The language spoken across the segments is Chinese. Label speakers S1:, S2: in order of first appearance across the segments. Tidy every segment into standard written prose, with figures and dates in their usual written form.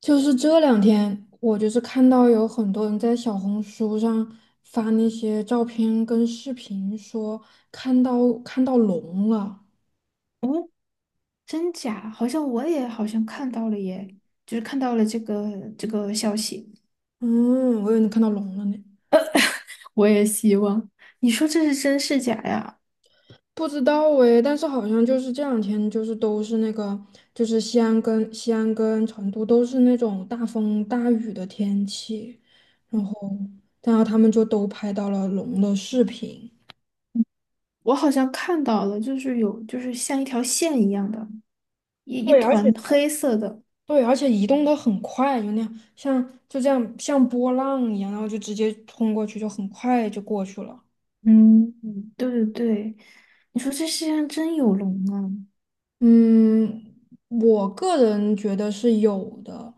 S1: 就是这两天，我就是看到有很多人在小红书上发那些照片跟视频，说看到龙了。
S2: 哦，真假？好像我也好像看到了耶，就是看到了这个消息。
S1: 嗯，我以为你看到龙了呢，
S2: 我也希望，你说这是真是假呀？
S1: 不知道诶，但是好像就是这两天，就是都是那个，就是西安跟成都都是那种大风大雨的天气，然后然后他们就都拍到了龙的视频。
S2: 我好像看到了，就是有就是像一条线一样的，一
S1: 对，
S2: 团黑色的。
S1: 对，而且移动的很快，就那样，像就这样像波浪一样，然后就直接冲过去，就很快就过去了。
S2: 嗯，嗯对对对，你说这世界上真有龙啊，
S1: 嗯，我个人觉得是有的。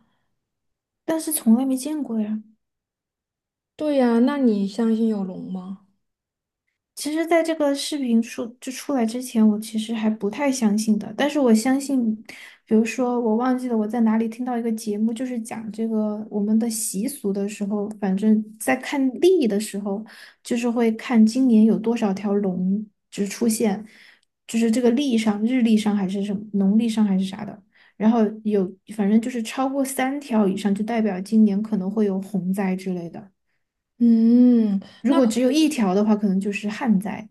S2: 但是从来没见过呀。
S1: 对呀，那你相信有龙吗？
S2: 其实，在这个视频出来之前，我其实还不太相信的。但是我相信，比如说我忘记了我在哪里听到一个节目，就是讲这个我们的习俗的时候，反正在看历的时候，就是会看今年有多少条龙就是出现，就是这个历上日历上还是什么农历上还是啥的，然后有反正就是超过三条以上，就代表今年可能会有洪灾之类的。
S1: 嗯，
S2: 如
S1: 那
S2: 果
S1: 可
S2: 只有一条的话，可能就是旱灾。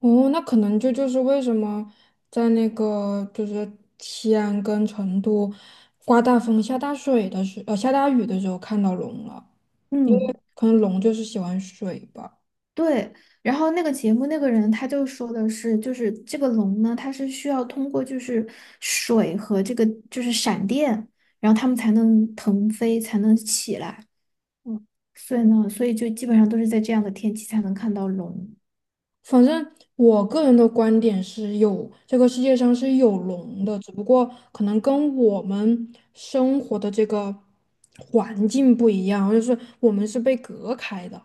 S1: 哦，那可能这就是为什么在那个就是西安跟成都刮大风、下大雨的时候看到龙了，
S2: 嗯。
S1: 可能龙就是喜欢水吧。
S2: 对，然后那个节目那个人他就说的是，就是这个龙呢，它是需要通过就是水和这个就是闪电，然后它们才能腾飞，才能起来。嗯，所以呢，所以就基本上都是在这样的天气才能看到龙。
S1: 反正我个人的观点是有，这个世界上是有龙的，只不过可能跟我们生活的这个环境不一样，就是我们是被隔开的。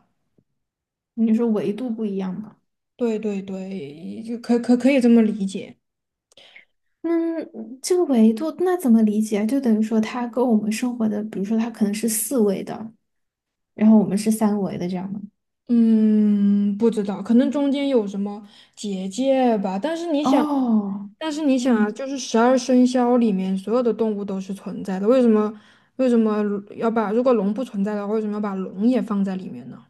S2: 你说维度不一样吗？
S1: 对对对，就可以这么理解。
S2: 嗯，这个维度那怎么理解啊？就等于说它跟我们生活的，比如说它可能是四维的，然后我们是三维的这样的。
S1: 嗯，不知道，可能中间有什么结界吧。但是你想，
S2: 哦，
S1: 但是你想啊，
S2: 嗯。
S1: 就是十二生肖里面所有的动物都是存在的，为什么为什么要把如果龙不存在的话，为什么要把龙也放在里面呢？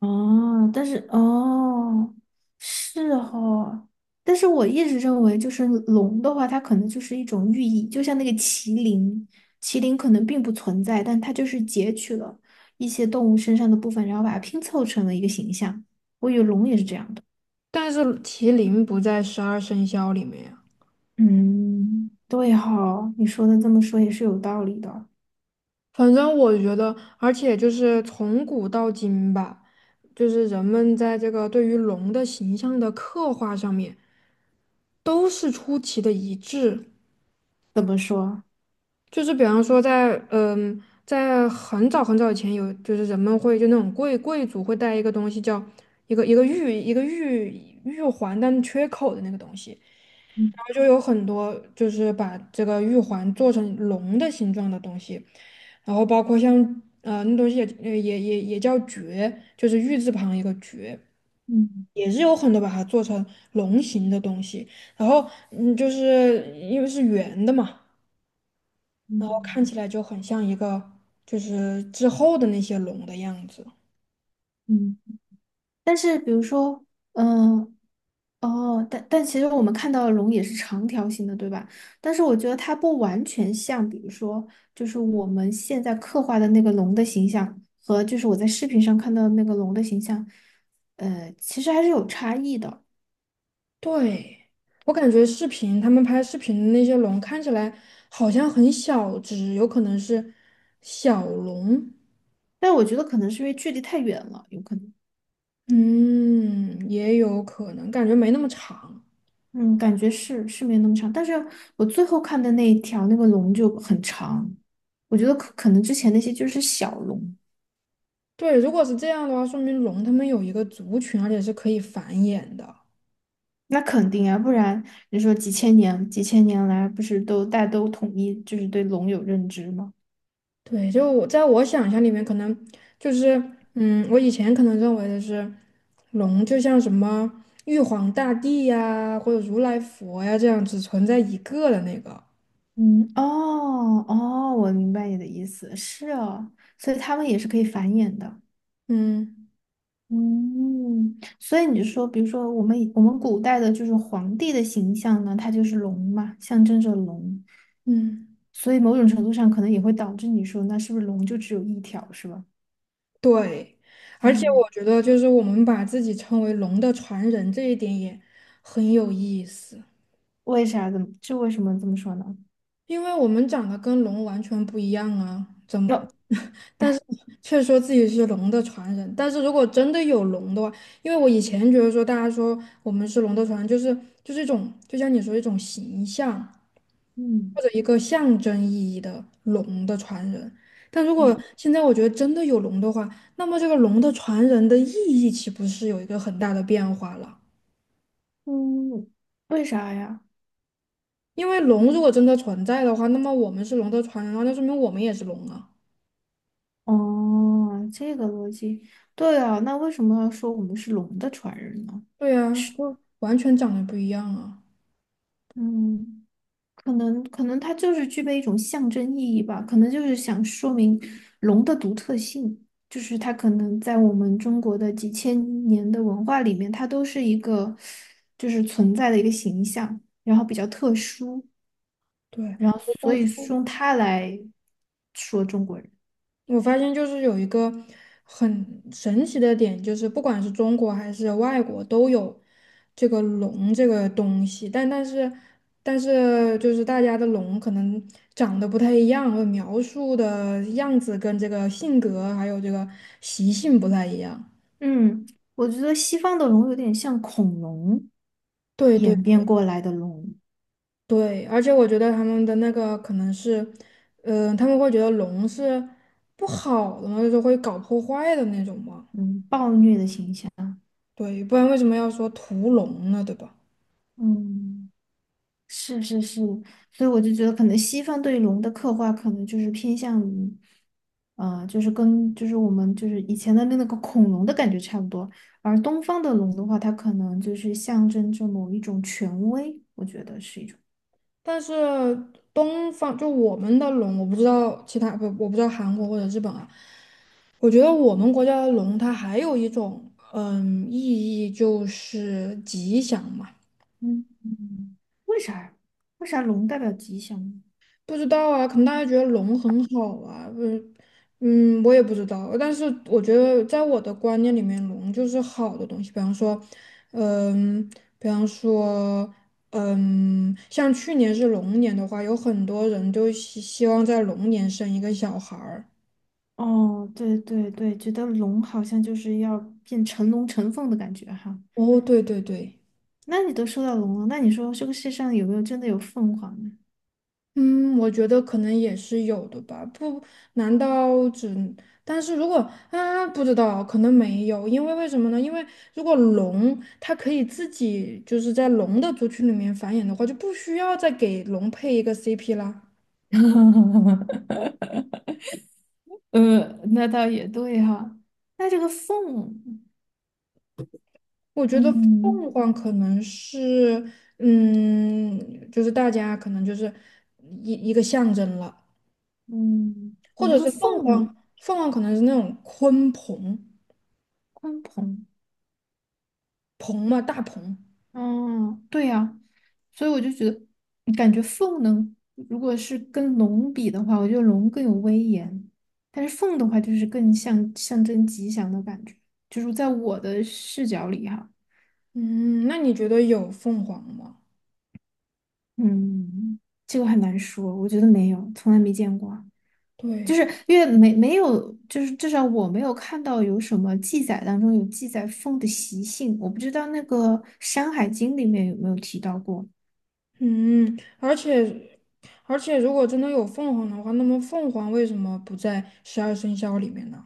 S2: 哦，但是哦，是哈，但是我一直认为，就是龙的话，它可能就是一种寓意，就像那个麒麟，麒麟可能并不存在，但它就是截取了一些动物身上的部分，然后把它拼凑成了一个形象。我以为龙也是这样的。
S1: 但是麒麟不在十二生肖里面呀。
S2: 嗯，对哈，你说的这么说也是有道理的。
S1: 反正我觉得，而且就是从古到今吧，就是人们在这个对于龙的形象的刻画上面，都是出奇的一致。
S2: 怎么说？
S1: 就是比方说在，在很早很早以前有，就是人们会就那种贵族会带一个东西叫一个玉环，但缺口的那个东西。
S2: 嗯
S1: 就有很多就是把这个玉环做成龙的形状的东西，然后包括像那东西也叫珏，就是玉字旁一个珏，
S2: 嗯
S1: 也是有很多把它做成龙形的东西。然后就是因为是圆的嘛，然后
S2: 嗯
S1: 看起来就很像一个就是之后的那些龙的样子。
S2: 嗯。但是比如说，嗯。哦，但其实我们看到的龙也是长条形的，对吧？但是我觉得它不完全像，比如说，就是我们现在刻画的那个龙的形象和就是我在视频上看到的那个龙的形象，呃，其实还是有差异的。
S1: 对，我感觉视频他们拍视频的那些龙看起来好像很小只，有可能是小龙。
S2: 但我觉得可能是因为距离太远了，有可能。
S1: 嗯，也有可能，感觉没那么长。
S2: 嗯，感觉是没那么长，但是我最后看的那一条那个龙就很长，我觉得可能之前那些就是小龙。
S1: 对，如果是这样的话，说明龙它们有一个族群，而且是可以繁衍的。
S2: 那肯定啊，不然你说几千年、几千年来，不是都大家都统一就是对龙有认知吗？
S1: 对，就我在我想象里面，可能就是，我以前可能认为的是，龙就像什么玉皇大帝呀，或者如来佛呀这样只存在一个的那个。
S2: 嗯，哦哦，我明白你的意思，是哦，所以他们也是可以繁衍的。
S1: 嗯
S2: 嗯，所以你说，比如说我们以我们古代的就是皇帝的形象呢，它就是龙嘛，象征着龙，
S1: 嗯，
S2: 所以某种程度上可能也会导致你说，那是不是龙就只有一条，是吧？
S1: 对。而且
S2: 嗯，
S1: 我觉得，就是我们把自己称为龙的传人这一点也很有意思。
S2: 为啥？怎么？这为什么这么说呢？
S1: 因为我们长得跟龙完全不一样啊，怎么？
S2: 哟，
S1: 但是却说自己是龙的传人。但是如果真的有龙的话，因为我以前觉得说大家说我们是龙的传人，就是一种，就像你说一种形象
S2: 嗯。
S1: 或者一个象征意义的龙的传人。但如
S2: 嗯
S1: 果现在我觉得真的有龙的话，那么这个龙的传人的意义岂不是有一个很大的变化了？
S2: 嗯，为啥呀？
S1: 因为龙如果真的存在的话，那么我们是龙的传人的话，那说明我们也是龙啊。
S2: 哦，这个逻辑，对啊，那为什么要说我们是龙的传人呢？
S1: 对呀，就完全长得不一样啊。
S2: 嗯，可能它就是具备一种象征意义吧，可能就是想说明龙的独特性，就是它可能在我们中国的几千年的文化里面，它都是一个就是存在的一个形象，然后比较特殊，
S1: 对，
S2: 然后所以是用它来说中国人。
S1: 我发现就是有一个很神奇的点，就是不管是中国还是外国都有这个龙这个东西，但是就是大家的龙可能长得不太一样，或描述的样子跟这个性格还有这个习性不太一样。
S2: 嗯，我觉得西方的龙有点像恐龙
S1: 对对。
S2: 演变过来的龙，
S1: 对，而且我觉得他们的那个可能是，他们会觉得龙是不好的嘛，就是会搞破坏的那种嘛。
S2: 嗯，暴虐的形象，
S1: 对，不然为什么要说屠龙呢？对吧？
S2: 嗯，是是是，所以我就觉得可能西方对龙的刻画可能就是偏向于，呃，就是我们就是以前的那个恐龙的感觉差不多，而东方的龙的话，它可能就是象征着某一种权威，我觉得是一种，
S1: 但是东方就我们的龙，我不知道韩国或者日本啊。我觉得我们国家的龙，它还有一种意义，就是吉祥嘛。
S2: 嗯，嗯嗯为啥呀？为啥龙代表吉祥呢？
S1: 不知道啊，可能大家觉得龙很好啊，嗯嗯，我也不知道。但是我觉得，在我的观念里面，龙就是好的东西。比方说，嗯，比方说，像去年是龙年的话，有很多人就希望在龙年生一个小孩儿。
S2: 哦，对对对，觉得龙好像就是要变成龙成凤的感觉哈。
S1: 哦，对对对。
S2: 那你都说到龙了，那你说这个世上有没有真的有凤凰呢？
S1: 嗯，我觉得可能也是有的吧。不，难道只？但是如果啊，不知道，可能没有，为什么呢？因为如果龙它可以自己就是在龙的族群里面繁衍的话，就不需要再给龙配一个 CP 啦。
S2: 呃，那倒也对哈，那这个凤，
S1: 我觉得凤
S2: 嗯
S1: 凰可能是，就是大家可能就是一个象征了，
S2: 嗯，我
S1: 或
S2: 觉
S1: 者
S2: 得
S1: 是凤凰，
S2: 凤
S1: 凤凰可能是那种鲲鹏，
S2: 鲲鹏。
S1: 鹏嘛，大鹏。
S2: 嗯，对呀，所以我就觉得，感觉凤能，如果是跟龙比的话，我觉得龙更有威严，但是凤的话就是更像象征吉祥的感觉，就是在我的视角里哈，
S1: 嗯，那你觉得有凤凰吗？
S2: 嗯，这个很难说，我觉得没有，从来没见过啊就
S1: 对，
S2: 是因为没有，就是至少我没有看到有什么记载当中有记载凤的习性，我不知道那个《山海经》里面有没有提到过。
S1: 嗯，而且，如果真的有凤凰的话，那么凤凰为什么不在十二生肖里面呢？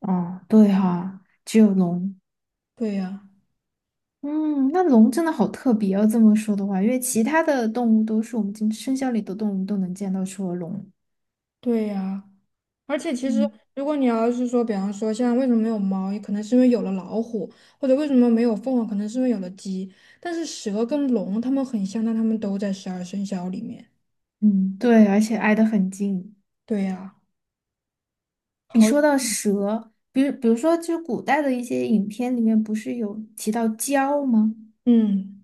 S2: 哦，对哈，只有龙。
S1: 对呀，
S2: 嗯，那龙真的好特别哦，这么说的话，因为其他的动物都是我们今生肖里的动物都能见到，除了龙。
S1: 对呀。而且其实，
S2: 嗯
S1: 如果你要是说，比方说像为什么没有猫，也可能是因为有了老虎，或者为什么没有凤凰，可能是因为有了鸡。但是蛇跟龙它们很像，但它们都在十二生肖里面。
S2: 嗯，对，而且挨得很近。
S1: 对呀，
S2: 你
S1: 好，
S2: 说到蛇，比如说，就是古代的一些影片里面不是有提到蛟吗？
S1: 嗯。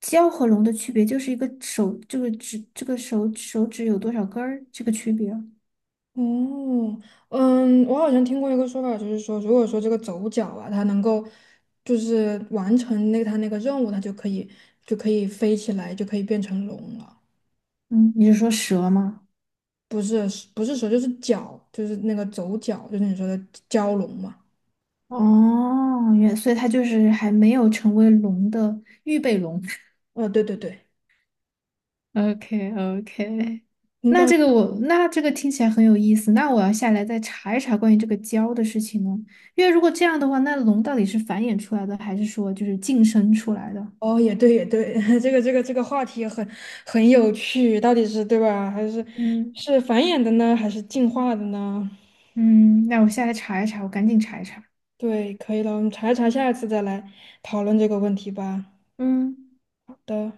S2: 蛟和龙的区别就是一个手，这个指，这个手指有多少根儿，这个区别。
S1: 哦，我好像听过一个说法，就是说，如果说这个走角啊，它能够就是完成那个它那个任务，它就可以飞起来，就可以变成龙了。
S2: 嗯，你是说蛇吗？
S1: 不是不是蛇，就是脚，就是那个走角，就是你说的蛟龙嘛。
S2: 哦，原，所以它就是还没有成为龙的预备龙。
S1: 对对对，
S2: OK OK,
S1: 应
S2: 那
S1: 该。
S2: 这个我那这个听起来很有意思，那我要下来再查一查关于这个胶的事情呢。因为如果这样的话，那龙到底是繁衍出来的，还是说就是晋升出来的？
S1: 哦，也对也对，这个话题很有趣，到底是对吧？还是
S2: 嗯
S1: 是繁衍的呢，还是进化的呢？
S2: 嗯，那我下来查一查，我赶紧查一查。
S1: 对，可以了，我们查一查，下一次再来讨论这个问题吧。
S2: 嗯。
S1: 的。